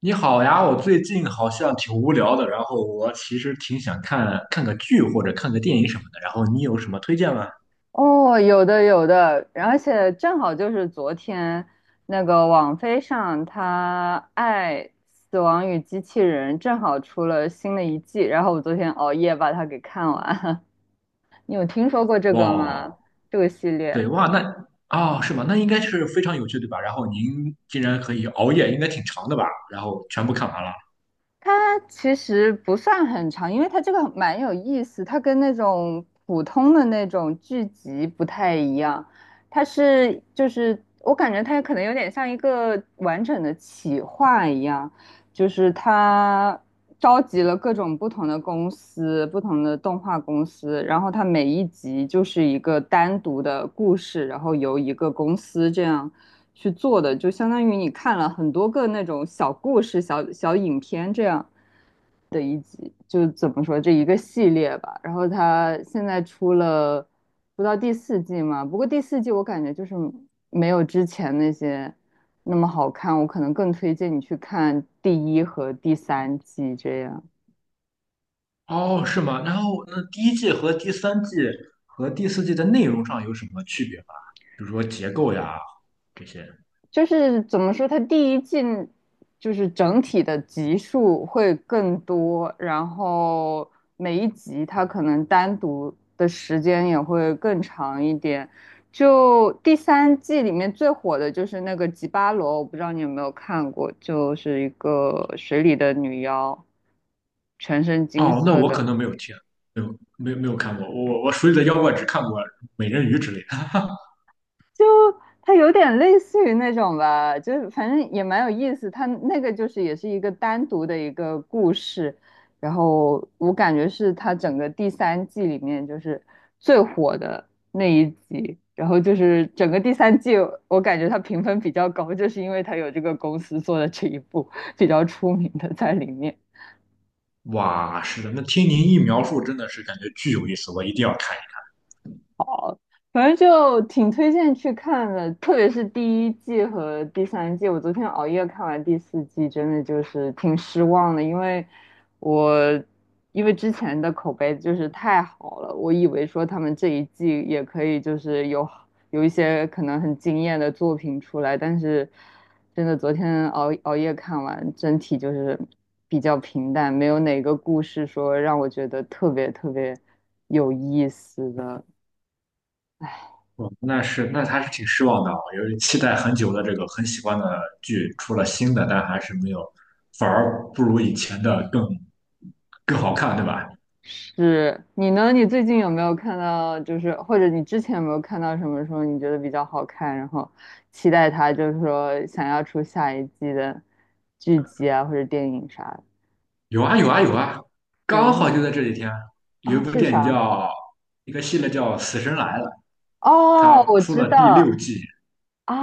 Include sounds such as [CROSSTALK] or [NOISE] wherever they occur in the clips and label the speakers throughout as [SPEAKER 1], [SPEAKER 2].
[SPEAKER 1] 你好呀，我最近好像挺无聊的，然后我其实挺想看看个剧或者看个电影什么的，然后你有什么推荐吗？
[SPEAKER 2] 哦，有的有的，而且正好就是昨天那个网飞上，它《爱死亡与机器人》正好出了新的一季，然后我昨天熬夜把它给看完了。[LAUGHS] 你有听说过这个吗？
[SPEAKER 1] 哇，
[SPEAKER 2] 这个系列？
[SPEAKER 1] 对哇，那哦是吗？那应该是非常有趣对吧？然后您竟然可以熬夜，应该挺长的吧？然后全部看完了。
[SPEAKER 2] 它其实不算很长，因为它这个蛮有意思，它跟那种普通的那种剧集不太一样，它是就是我感觉它可能有点像一个完整的企划一样，就是它召集了各种不同的公司、不同的动画公司，然后它每一集就是一个单独的故事，然后由一个公司这样去做的，就相当于你看了很多个那种小故事、小小影片这样的一集，就怎么说这一个系列吧。然后它现在出了不到第四季嘛，不过第四季我感觉就是没有之前那些那么好看，我可能更推荐你去看第一和第三季。这样
[SPEAKER 1] 哦，是吗？然后那第一季和第三季和第四季的内容上有什么区别吗？比如说结构呀这些。
[SPEAKER 2] 就是怎么说，它第一季就是整体的集数会更多，然后每一集它可能单独的时间也会更长一点。就第三季里面最火的就是那个吉巴罗，我不知道你有没有看过，就是一个水里的女妖，全身金
[SPEAKER 1] 哦，那
[SPEAKER 2] 色
[SPEAKER 1] 我可
[SPEAKER 2] 的。
[SPEAKER 1] 能没有听，没有没有没有看过，我手里的妖怪只看过美人鱼之类的。
[SPEAKER 2] 就它有点类似于那种吧，就是反正也蛮有意思。它那个就是也是一个单独的一个故事，然后我感觉是它整个第三季里面就是最火的那一集。然后就是整个第三季，我感觉它评分比较高，就是因为它有这个公司做的这一部比较出名的在里面。
[SPEAKER 1] 哇，是的，那听您一描述，真的是感觉巨有意思，我一定要看一
[SPEAKER 2] 反正就挺推荐去看的，特别是第一季和第三季。我昨天熬夜看完第四季，真的就是挺失望的，因为我因为之前的口碑就是太好了，我以为说他们这一季也可以就是有一些可能很惊艳的作品出来，但是真的昨天熬夜看完，整体就是比较平淡，没有哪个故事说让我觉得特别特别有意思的。
[SPEAKER 1] 看。哦，那是，那还是挺失望的啊，由于期待很久的这个很喜欢的剧出了新的，但还是没有，反而不如以前的更好看，对吧？
[SPEAKER 2] 是你呢？你最近有没有看到，就是或者你之前有没有看到什么说你觉得比较好看，然后期待它，就是说想要出下一季的剧集啊或者电影啥的？
[SPEAKER 1] 有啊有啊有啊，
[SPEAKER 2] 比如
[SPEAKER 1] 刚好就
[SPEAKER 2] 说
[SPEAKER 1] 在这几天，有
[SPEAKER 2] 啊，
[SPEAKER 1] 一部
[SPEAKER 2] 是
[SPEAKER 1] 电影
[SPEAKER 2] 啥？
[SPEAKER 1] 叫一个系列叫《死神来了》，
[SPEAKER 2] 哦，
[SPEAKER 1] 它
[SPEAKER 2] 我
[SPEAKER 1] 出
[SPEAKER 2] 知
[SPEAKER 1] 了第六
[SPEAKER 2] 道
[SPEAKER 1] 季，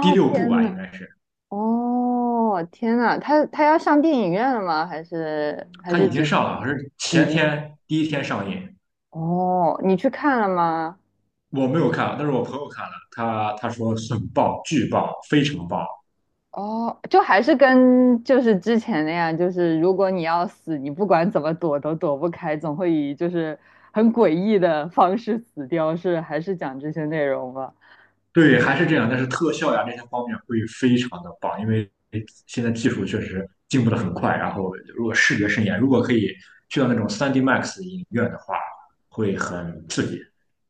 [SPEAKER 1] 第六部
[SPEAKER 2] 天
[SPEAKER 1] 吧，应
[SPEAKER 2] 呐，
[SPEAKER 1] 该是，
[SPEAKER 2] 哦，天呐，他要上电影院了吗？还是还
[SPEAKER 1] 它
[SPEAKER 2] 是
[SPEAKER 1] 已经
[SPEAKER 2] 只
[SPEAKER 1] 上了，好像是
[SPEAKER 2] 已
[SPEAKER 1] 前
[SPEAKER 2] 经？
[SPEAKER 1] 天第一天上映。
[SPEAKER 2] 哦，你去看了吗？
[SPEAKER 1] 我没有看啊，但是我朋友看了，他说很棒，巨棒，非常棒。
[SPEAKER 2] 哦，就还是跟就是之前那样，就是如果你要死，你不管怎么躲都躲不开，总会以就是很诡异的方式死掉，是还是讲这些内容吧？
[SPEAKER 1] 对，还是这样，但是特效呀这些方面会非常的棒，因为现在技术确实进步的很快。然后，如果视觉盛宴，如果可以去到那种3D Max 影院的话，会很刺激。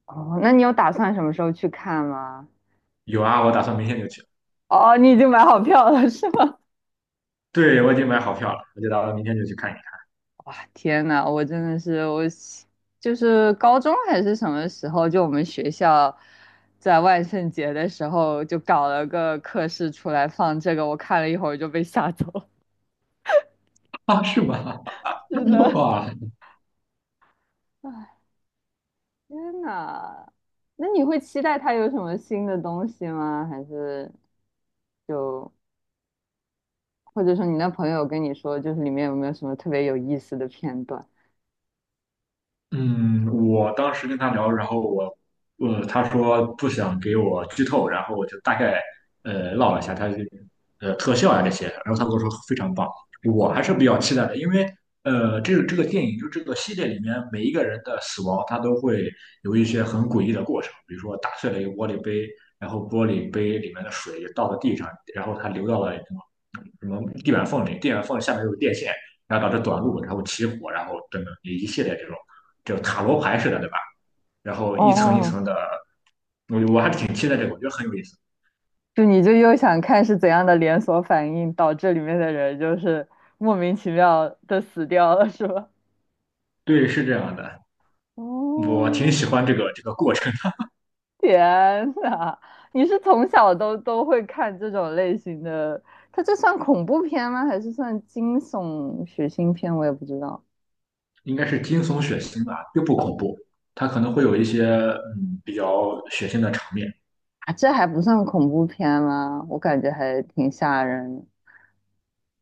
[SPEAKER 2] 哦，那你有打算什么时候去看吗？
[SPEAKER 1] 有啊，我打算明天就去。
[SPEAKER 2] 哦，你已经买好票了是吗？[LAUGHS]
[SPEAKER 1] 对，我已经买好票了，我就打算明天就去看一看。
[SPEAKER 2] 哇，天呐，我真的是我喜，就是高中还是什么时候，就我们学校在万圣节的时候就搞了个课室出来放这个，我看了一会儿就被吓走。
[SPEAKER 1] [LAUGHS] 啊，是吗？
[SPEAKER 2] [LAUGHS] 是
[SPEAKER 1] [LAUGHS]
[SPEAKER 2] 的。
[SPEAKER 1] 哇，
[SPEAKER 2] [LAUGHS] 天呐，那你会期待他有什么新的东西吗？还是就或者说你那朋友跟你说，就是里面有没有什么特别有意思的片段？
[SPEAKER 1] 嗯，我当时跟他聊，然后我，他说不想给我剧透，然后我就大概唠了一下他这个特效啊这些，然后他跟我说非常棒，我还是
[SPEAKER 2] 哦
[SPEAKER 1] 比较期待的，因为这个电影就这个系列里面每一个人的死亡，他都会有一些很诡异的过程，比如说打碎了一个玻璃杯，然后玻璃杯里面的水倒到地上，然后它流到了什么什么地板缝里，地板缝下面有电线，然后导致短路，然后起火，然后等等一系列这种。就塔罗牌似的，对吧？然后一层一
[SPEAKER 2] 哦，
[SPEAKER 1] 层的，我还挺期待这个，我觉得很有意思。
[SPEAKER 2] 就你就又想看是怎样的连锁反应导致里面的人就是莫名其妙的死掉了，是吧？
[SPEAKER 1] 对，是这样的，我挺
[SPEAKER 2] 哦，
[SPEAKER 1] 喜欢这个过程，
[SPEAKER 2] 天呐，你是从小都会看这种类型的？它这算恐怖片吗？还是算惊悚血腥片？我也不知道。
[SPEAKER 1] 应该是惊悚血腥吧，又不恐怖，它可能会有一些比较血腥的场面
[SPEAKER 2] 啊，这还不算恐怖片吗？我感觉还挺吓人的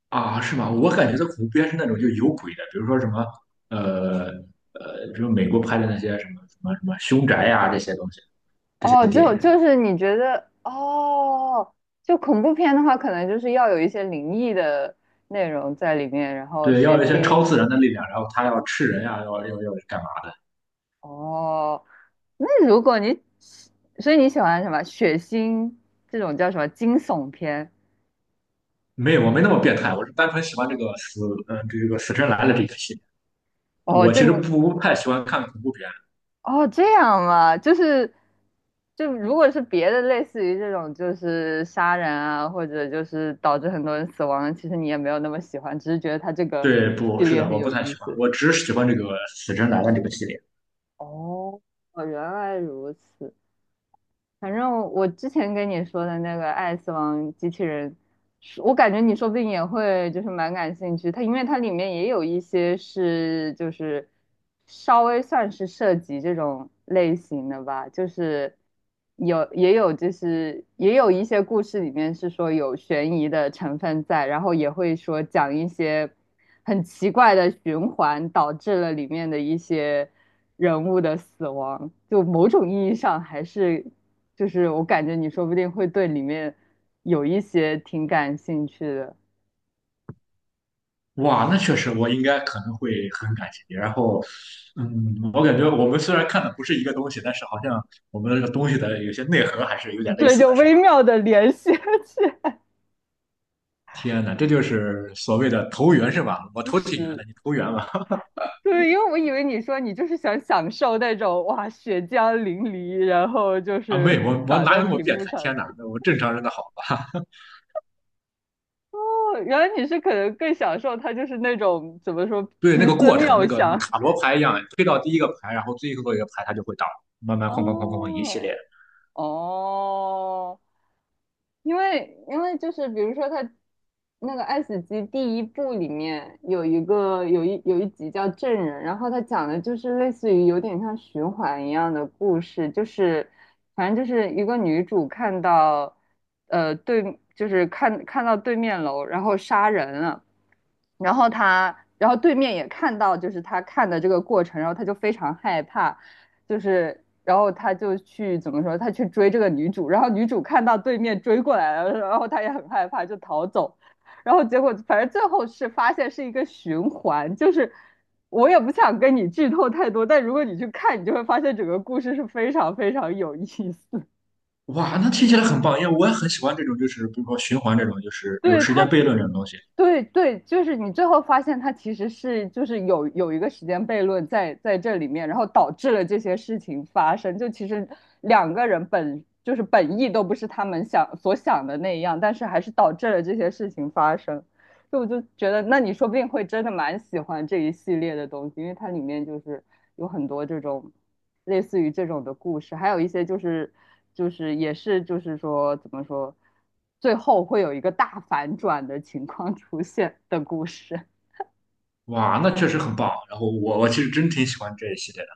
[SPEAKER 1] 啊，是吗？我感觉的恐怖片是那种就有鬼的，比如说什么呃比如美国拍的那些什么什么什么凶宅呀、这些东西，这些
[SPEAKER 2] 哦，
[SPEAKER 1] 电
[SPEAKER 2] 就
[SPEAKER 1] 影，
[SPEAKER 2] 就是你觉得哦，就恐怖片的话，可能就是要有一些灵异的内容在里面，然后
[SPEAKER 1] 对，
[SPEAKER 2] 血
[SPEAKER 1] 要有一些超
[SPEAKER 2] 腥。
[SPEAKER 1] 自然的力量，然后他要吃人呀、要干嘛？的。
[SPEAKER 2] 哦，那如果你，所以你喜欢什么血腥这种叫什么惊悚片？
[SPEAKER 1] 没有，我没那么变态，我是单纯喜欢这个死，这个死神来了这个系列。
[SPEAKER 2] 哦，
[SPEAKER 1] 我
[SPEAKER 2] 就
[SPEAKER 1] 其
[SPEAKER 2] 你
[SPEAKER 1] 实不太喜欢看恐怖片，
[SPEAKER 2] 哦，这样啊，就是，就如果是别的，类似于这种，就是杀人啊，或者就是导致很多人死亡，其实你也没有那么喜欢，只是觉得它这个
[SPEAKER 1] 对，不
[SPEAKER 2] 系
[SPEAKER 1] 是
[SPEAKER 2] 列
[SPEAKER 1] 的，
[SPEAKER 2] 很
[SPEAKER 1] 我
[SPEAKER 2] 有
[SPEAKER 1] 不太
[SPEAKER 2] 意
[SPEAKER 1] 喜欢，
[SPEAKER 2] 思。
[SPEAKER 1] 我只喜欢这个死神来了这个系列。
[SPEAKER 2] 哦，哦原来如此。反正我之前跟你说的那个《爱死亡机器人》，是我感觉你说不定也会就是蛮感兴趣。它因为它里面也有一些是就是稍微算是涉及这种类型的吧，就是有也有一些故事里面是说有悬疑的成分在，然后也会说讲一些很奇怪的循环导致了里面的一些人物的死亡，就某种意义上还是。就是我感觉你说不定会对里面有一些挺感兴趣的，
[SPEAKER 1] 哇，那确实，我应该可能会很感兴趣。然后，我感觉我们虽然看的不是一个东西，但是好像我们这个东西的有些内核还是有点类
[SPEAKER 2] 对，
[SPEAKER 1] 似
[SPEAKER 2] 就
[SPEAKER 1] 的，是吧？
[SPEAKER 2] 微妙的联系起来。
[SPEAKER 1] 天哪，这就是所谓的投缘，是吧？我
[SPEAKER 2] [LAUGHS]
[SPEAKER 1] 投挺缘
[SPEAKER 2] 是，
[SPEAKER 1] 的，你投缘吧？
[SPEAKER 2] 对，因为我以为你说你就是想享受那种哇血浆淋漓，然后就
[SPEAKER 1] [LAUGHS] 啊，没有，
[SPEAKER 2] 是
[SPEAKER 1] 我
[SPEAKER 2] [LAUGHS]
[SPEAKER 1] 我
[SPEAKER 2] 洒
[SPEAKER 1] 哪
[SPEAKER 2] 在
[SPEAKER 1] 有那么
[SPEAKER 2] 屏
[SPEAKER 1] 变
[SPEAKER 2] 幕
[SPEAKER 1] 态？
[SPEAKER 2] 上的
[SPEAKER 1] 天哪，
[SPEAKER 2] 感觉。
[SPEAKER 1] 那我正常人的好。
[SPEAKER 2] 哦，原来你是可能更享受它就是那种怎么说
[SPEAKER 1] 对那
[SPEAKER 2] 奇
[SPEAKER 1] 个
[SPEAKER 2] 思
[SPEAKER 1] 过程，
[SPEAKER 2] 妙
[SPEAKER 1] 那个什么
[SPEAKER 2] 想
[SPEAKER 1] 塔罗牌一样，推到第一个牌，然后最后一个牌它就会倒，慢慢哐哐哐哐哐一系列。
[SPEAKER 2] 哦。哦，因为因为就是比如说他那个《爱死机》第一部里面有一个有一集叫《证人》，然后他讲的就是类似于有点像循环一样的故事，就是反正就是一个女主看到对就是看到对面楼然后杀人了。然后他，然后对面也看到，就是他看的这个过程，然后他就非常害怕，就是，然后他就去怎么说，他去追这个女主，然后女主看到对面追过来了，然后他也很害怕，就逃走，然后结果反正最后是发现是一个循环，就是我也不想跟你剧透太多，但如果你去看，你就会发现整个故事是非常非常有意思。
[SPEAKER 1] 哇，那听起来很棒，因为我也很喜欢这种，就是比如说循环这种，就是有
[SPEAKER 2] 对
[SPEAKER 1] 时间
[SPEAKER 2] 他，
[SPEAKER 1] 悖论这种东西。
[SPEAKER 2] 对对，就是你最后发现他其实是就是有一个时间悖论在这里面，然后导致了这些事情发生。就其实两个人本就是本意都不是他们想所想的那样，但是还是导致了这些事情发生。就我就觉得，那你说不定会真的蛮喜欢这一系列的东西，因为它里面就是有很多这种类似于这种的故事，还有一些就是就是也是就是说怎么说，最后会有一个大反转的情况出现的故事。
[SPEAKER 1] 哇，那确实很棒。然后我其实真挺喜欢这一系列的，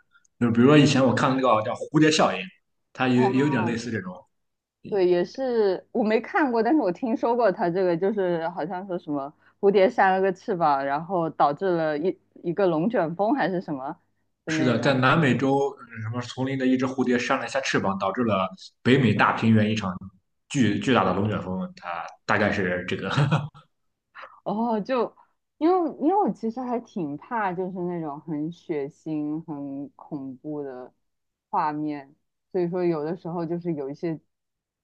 [SPEAKER 1] 就比如说以前我看那个叫蝴蝶效应，它有点类
[SPEAKER 2] 哦，
[SPEAKER 1] 似这种。
[SPEAKER 2] 对，也是我没看过，但是我听说过他这个，就是好像说什么蝴蝶扇了个翅膀，然后导致了一个龙卷风还是什么的
[SPEAKER 1] 是
[SPEAKER 2] 那
[SPEAKER 1] 的，
[SPEAKER 2] 种。
[SPEAKER 1] 在南美洲什么丛林的一只蝴蝶扇了一下翅膀，导致了北美大平原一场巨大的龙卷风。它大概是这个 [LAUGHS]
[SPEAKER 2] 哦，就因为因为我其实还挺怕，就是那种很血腥、很恐怖的画面，所以说有的时候就是有一些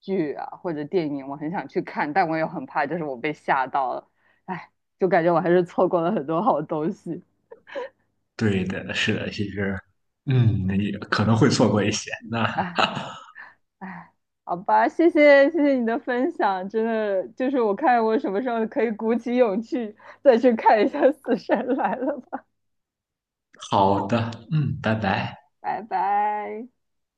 [SPEAKER 2] 剧啊或者电影，我很想去看，但我也很怕，就是我被吓到了，哎，就感觉我还是错过了很多好东西，
[SPEAKER 1] 对的，是的，其实，也可能会错过一些。那
[SPEAKER 2] 哎哎，好吧，谢谢你的分享，真的就是我看我什么时候可以鼓起勇气再去看一下《死神来了》吧，
[SPEAKER 1] 好的，拜拜。
[SPEAKER 2] [LAUGHS] 拜拜。